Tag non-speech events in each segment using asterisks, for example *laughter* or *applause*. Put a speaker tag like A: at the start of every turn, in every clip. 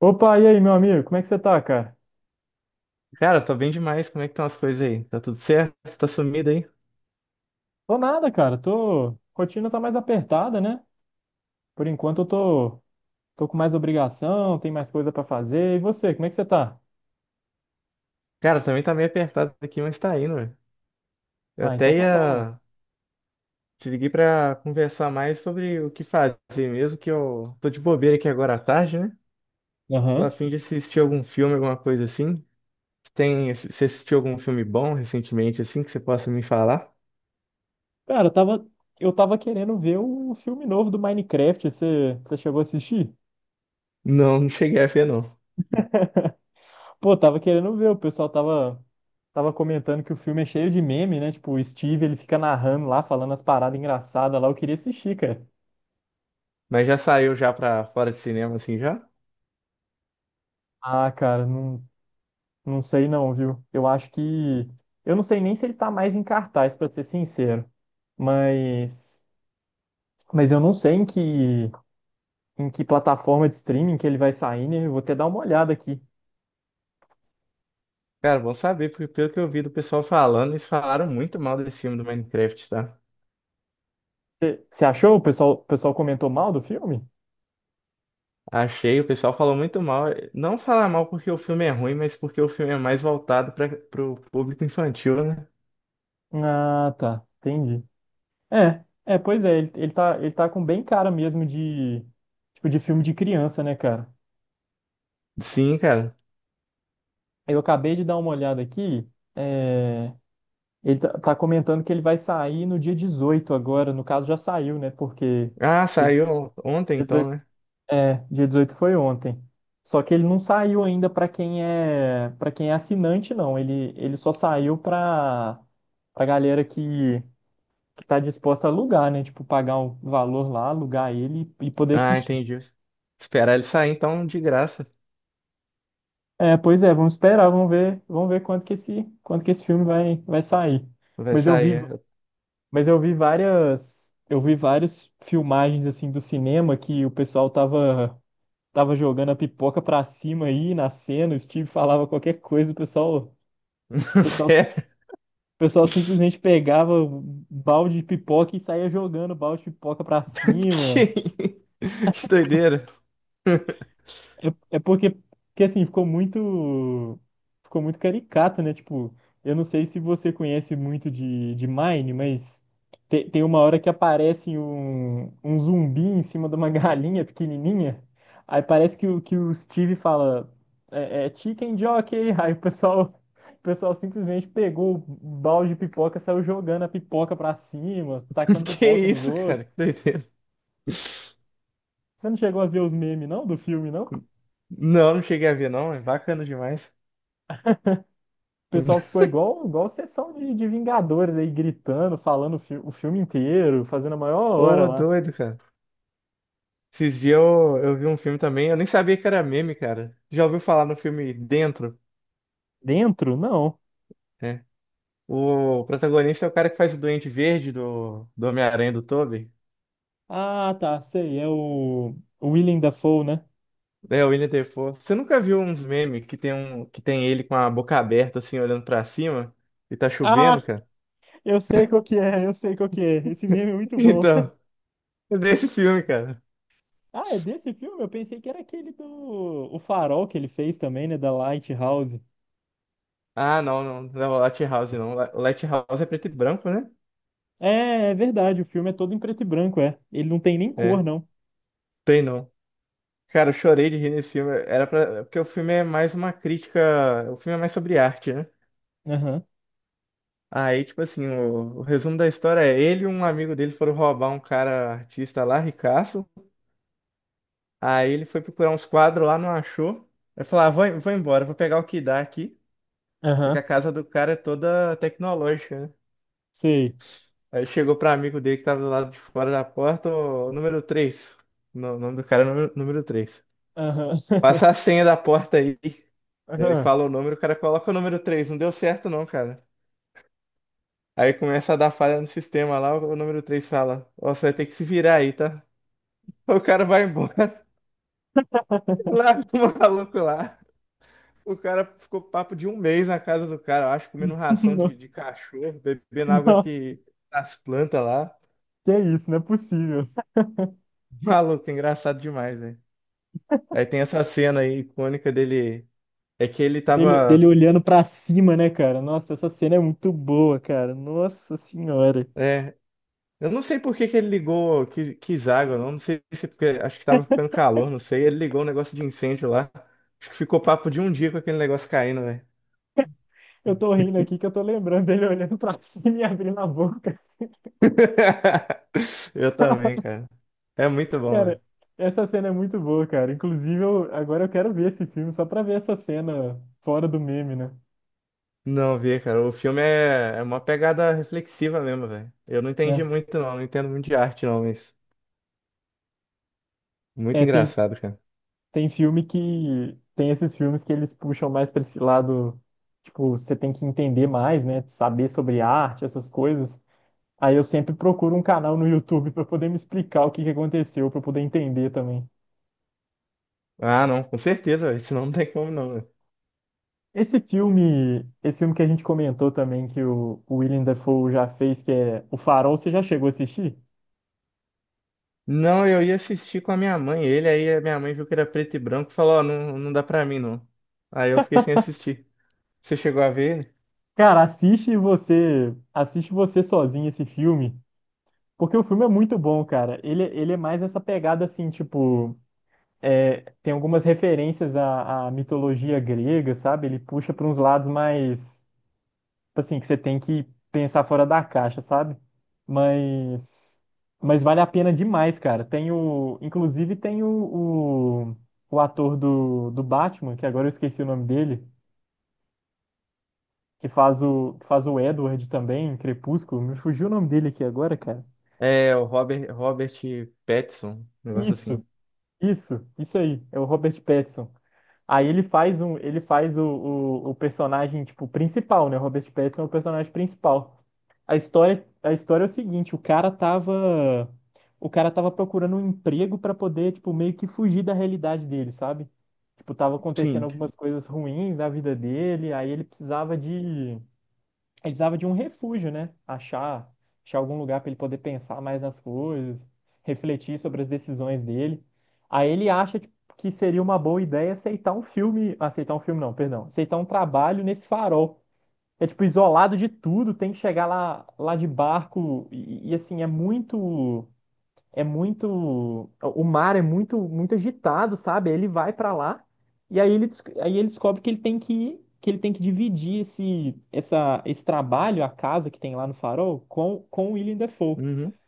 A: Opa, e aí, meu amigo? Como é que você tá, cara?
B: Cara, tô bem demais. Como é que estão as coisas aí? Tá tudo certo? Tá sumido aí?
A: Tô nada, cara. Tô... Rotina tá mais apertada, né? Por enquanto eu tô com mais obrigação, tem mais coisa pra fazer. E você, como é que você tá?
B: Cara, também tá meio apertado aqui, mas tá indo, velho. Eu
A: Ah,
B: até
A: então tá bom, mano.
B: ia. Te liguei pra conversar mais sobre o que fazer mesmo, que eu tô de bobeira aqui agora à tarde, né? Tô a
A: Aham.
B: fim de assistir algum filme, alguma coisa assim. Você assistiu algum filme bom recentemente, assim, que você possa me falar?
A: Cara, eu tava querendo ver o filme novo do Minecraft. Você chegou a assistir?
B: Não, não cheguei a ver, não.
A: Pô, tava querendo ver. O pessoal tava comentando que o filme é cheio de meme, né? Tipo, o Steve, ele fica narrando lá, falando as paradas engraçadas lá. Eu queria assistir, cara.
B: Mas já saiu já pra fora de cinema, assim, já?
A: Ah, cara, não. Não sei não, viu? Eu acho que. Eu não sei nem se ele tá mais em cartaz, pra ser sincero. Mas. Mas eu não sei em que plataforma de streaming que ele vai sair, né? Eu vou até dar uma olhada aqui.
B: Cara, bom saber, porque pelo que eu vi do pessoal falando, eles falaram muito mal desse filme do Minecraft, tá?
A: Você achou? O pessoal comentou mal do filme?
B: Achei, o pessoal falou muito mal. Não falar mal porque o filme é ruim, mas porque o filme é mais voltado para pro público infantil, né?
A: Ah, tá. Entendi. É, é, pois é, ele, ele tá com bem cara mesmo de, tipo, de filme de criança, né, cara?
B: Sim, cara.
A: Eu acabei de dar uma olhada aqui, é, Ele tá comentando que ele vai sair no dia 18 agora. No caso, já saiu, né? Porque
B: Ah,
A: dia
B: saiu ontem
A: dezoito
B: então, né?
A: dia 18 foi ontem. Só que ele não saiu ainda para quem é assinante, não. Ele só saiu para para galera que tá disposta a alugar, né? Tipo, pagar um valor lá, alugar ele e poder
B: Ah,
A: assistir.
B: entendi. Esperar ele sair então de graça.
A: É, pois é, vamos esperar, vamos ver quanto que esse filme vai sair.
B: Vai
A: Mas eu vi,
B: sair.
A: Mas eu vi várias filmagens assim do cinema que o pessoal tava jogando a pipoca pra cima aí na cena, o Steve falava qualquer coisa, o pessoal, o
B: É. *laughs*
A: pessoal,
B: Sério?
A: o pessoal simplesmente pegava um balde de pipoca e saía jogando o balde de pipoca pra
B: *laughs*
A: cima.
B: Que, que doideira. *laughs*
A: É porque, assim, ficou muito caricato, né? Tipo, eu não sei se você conhece muito de Mine, mas tem uma hora que aparece um zumbi em cima de uma *laughs* galinha pequenininha. Aí parece que o Steve fala, é chicken jockey. Aí o pessoal simplesmente pegou o balde de pipoca, saiu jogando a pipoca pra cima, tacando
B: Que
A: pipoca nos
B: isso,
A: outros.
B: cara? Que doideira.
A: Você não chegou a ver os memes, não, do filme, não?
B: Não, não cheguei a ver, não. É bacana demais.
A: O pessoal ficou igual sessão de Vingadores aí, gritando, falando o filme inteiro, fazendo a
B: *laughs*
A: maior hora
B: Ô,
A: lá.
B: doido, cara. Esses dias eu vi um filme também, eu nem sabia que era meme, cara. Já ouviu falar no filme Dentro,
A: Dentro? Não.
B: né? O protagonista é o cara que faz o Duende Verde do Homem-Aranha do Tobey.
A: Ah, tá, sei, é o Willem Dafoe, né?
B: É, o Willem Dafoe. Você nunca viu uns memes que tem, um, que tem ele com a boca aberta, assim, olhando pra cima? E tá chovendo,
A: Ah,
B: cara? *laughs*
A: eu sei qual que é, eu sei qual que é. Esse meme é muito bom. *laughs*
B: Então, é desse filme, cara.
A: Ah, é desse filme? Eu pensei que era aquele do O Farol que ele fez também, né, da Lighthouse.
B: Ah, não, não, não, Lighthouse não. Lighthouse é preto e branco, né?
A: É, é verdade, o filme é todo em preto e branco, é. Ele não tem nem cor,
B: É,
A: não.
B: tem não. Cara, eu chorei de rir nesse filme. Era pra. Porque o filme é mais uma crítica. O filme é mais sobre arte, né?
A: Aham,
B: Aí, tipo assim, o resumo da história é ele e um amigo dele foram roubar um cara artista lá, ricaço. Aí ele foi procurar uns quadros lá, não achou. Aí falou, ah, vou embora, vou pegar o que dá aqui. Só que
A: aham,
B: a casa do cara é toda tecnológica, né?
A: sei.
B: Aí chegou pra amigo dele que tava do lado de fora da porta, o número três. O nome do cara é número 3.
A: Aham, *laughs*
B: Passa a senha da porta aí. Ele
A: aham.
B: fala o número, o cara coloca o número três. Não deu certo não, cara. Aí começa a dar falha no sistema lá, o número 3 fala, ó, você vai ter que se virar aí, tá? O cara vai embora. *laughs* Lá, o maluco lá. O cara ficou papo de um mês na casa do cara, eu acho, comendo
A: *laughs*
B: ração
A: Não,
B: de cachorro, bebendo água
A: não.
B: que das plantas lá.
A: Que é isso, não é possível.
B: *laughs* Maluco, engraçado demais, né? Aí tem essa cena aí icônica dele. É que ele
A: Dele
B: tava.
A: olhando pra cima, né, cara? Nossa, essa cena é muito boa, cara. Nossa senhora.
B: É, eu não sei por que que ele ligou, quis, quis água, não. Não sei se porque. Acho que tava ficando calor, não sei. Ele ligou um negócio de incêndio lá. Acho que ficou papo de um dia com aquele negócio caindo, né?
A: Eu tô rindo aqui que eu tô lembrando dele olhando pra cima e abrindo a boca. Assim.
B: *laughs* Eu também, cara. É muito bom.
A: Cara, essa cena é muito boa, cara. Inclusive, agora eu quero ver esse filme só pra ver essa cena fora do meme, né?
B: Não vi, cara. O filme é, é uma pegada reflexiva mesmo, velho. Eu não entendi
A: Né?
B: muito, não. Não entendo muito de arte, não, mas muito
A: É, tem,
B: engraçado, cara.
A: tem filme que. Tem esses filmes que eles puxam mais pra esse lado. Tipo, você tem que entender mais, né? Saber sobre arte, essas coisas. Aí eu sempre procuro um canal no YouTube para poder me explicar o que que aconteceu, para poder entender também.
B: Ah, não, com certeza, velho. *laughs* Senão não tem como, não, velho.
A: Esse filme que a gente comentou também que o Willem Dafoe já fez, que é O Farol, você já chegou a assistir?
B: Não, eu ia assistir com a minha mãe. Ele aí, a minha mãe viu que era preto e branco e falou: Ó, não, não dá pra mim, não. Aí eu fiquei sem assistir. Você chegou a ver ele?
A: Cara, assiste você sozinho esse filme, porque o filme é muito bom, cara. Ele é mais essa pegada assim, tipo, tem algumas referências à mitologia grega, sabe? Ele puxa para uns lados mais tipo assim, que você tem que pensar fora da caixa, sabe? Mas, mas vale a pena demais, cara. Tem o, inclusive tem o, o, o ator do Batman, que agora eu esqueci o nome dele, que faz o Edward também, em Crepúsculo. Me fugiu o nome dele aqui agora, cara.
B: É, o Robert, Robert Pattinson, um negócio
A: Isso.
B: assim.
A: Isso aí, é o Robert Pattinson. Aí ele faz o personagem, tipo, principal, né? O Robert Pattinson é o personagem principal. A história é o seguinte, o cara tava procurando um emprego para poder, tipo, meio que fugir da realidade dele, sabe? Tipo, tava acontecendo
B: Sim.
A: algumas coisas ruins na vida dele, aí ele precisava de um refúgio, né? Achar algum lugar para ele poder pensar mais nas coisas, refletir sobre as decisões dele. Aí ele acha que seria uma boa ideia aceitar um filme não, perdão, aceitar um trabalho nesse farol. É tipo isolado de tudo, tem que chegar lá de barco e assim é muito, o mar é muito agitado, sabe? Aí Ele vai pra lá e aí aí ele descobre que ele tem que dividir esse trabalho, a casa que tem lá no Farol, com o Willem Dafoe.
B: Uhum.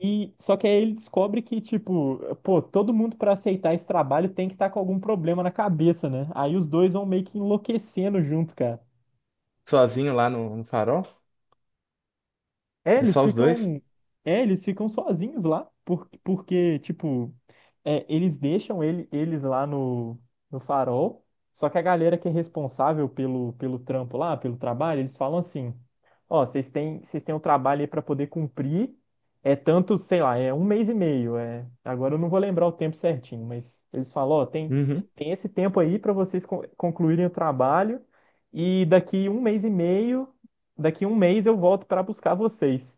A: E só que aí ele descobre que, tipo, pô, todo mundo pra aceitar esse trabalho tem que estar com algum problema na cabeça, né? Aí os dois vão meio que enlouquecendo junto, cara.
B: Sozinho lá no, no farol?
A: É,
B: É
A: eles
B: só os dois?
A: ficam, eles ficam sozinhos lá, porque, tipo, eles deixam eles lá no farol, só que a galera que é responsável pelo trabalho, eles falam assim, ó, vocês têm um trabalho aí pra poder cumprir, é tanto, sei lá, é um mês e meio, agora eu não vou lembrar o tempo certinho, mas eles falam, ó, tem,
B: Uhum.
A: tem esse tempo aí pra vocês concluírem o trabalho, e daqui um mês e meio daqui um mês eu volto para buscar vocês.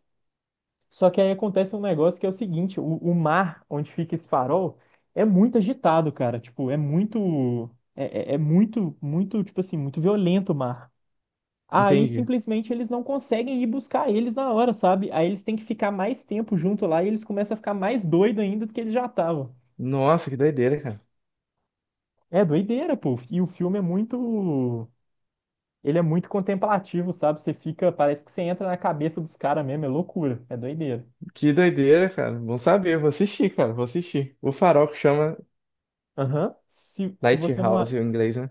A: Só que aí acontece um negócio que é o seguinte, o mar onde fica esse farol é muito agitado, cara. Tipo, é muito, é muito, muito, tipo assim, muito violento o mar. Aí
B: Entendi.
A: simplesmente eles não conseguem ir buscar eles na hora, sabe? Aí eles têm que ficar mais tempo junto lá e eles começam a ficar mais doido ainda do que eles já estavam.
B: Nossa, que doideira, cara.
A: É doideira, pô. E o filme é muito, ele é muito contemplativo, sabe? Você fica, parece que você entra na cabeça dos caras mesmo, é loucura, é doideira.
B: Que doideira, cara. Bom saber. Vou assistir, cara. Vou assistir. O Farol que chama
A: Aham. Se você não. a-
B: Lighthouse em inglês, né?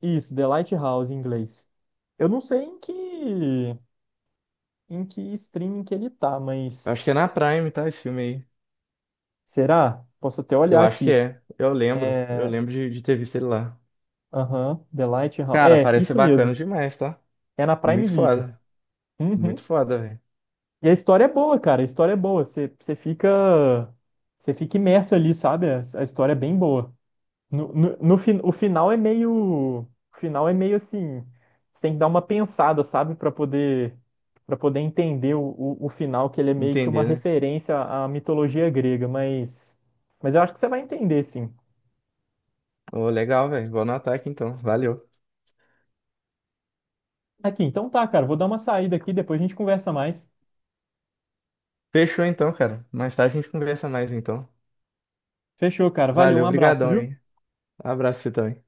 A: Isso, The Lighthouse em inglês. Eu não sei em que streaming que ele tá,
B: Eu acho que é
A: mas.
B: na Prime, tá? Esse filme aí.
A: Será? Posso até
B: Eu
A: olhar
B: acho que
A: aqui.
B: é. Eu lembro. Eu
A: É.
B: lembro de ter visto ele lá.
A: Aham, The Lighthouse.
B: Cara,
A: É,
B: parece ser
A: isso
B: bacana
A: mesmo.
B: demais, tá?
A: É na Prime
B: Muito
A: Video.
B: foda. Muito
A: Uhum.
B: foda, velho.
A: E a história é boa, cara. A história é boa. Você fica. Você fica imerso ali, sabe? A história é bem boa. No, no, no fin- O final é meio assim, você tem que dar uma pensada, sabe, para poder entender o final, que ele é meio que uma
B: Entender, né?
A: referência à mitologia grega, mas eu acho que você vai entender, sim.
B: Ô, legal, velho. Vou anotar aqui então. Valeu.
A: Aqui, então tá, cara, vou dar uma saída aqui, depois a gente conversa mais.
B: Fechou então, cara. Mais tarde a gente conversa mais então.
A: Fechou, cara. Valeu, um
B: Valeu,
A: abraço,
B: brigadão
A: viu?
B: aí. Abraço pra você também.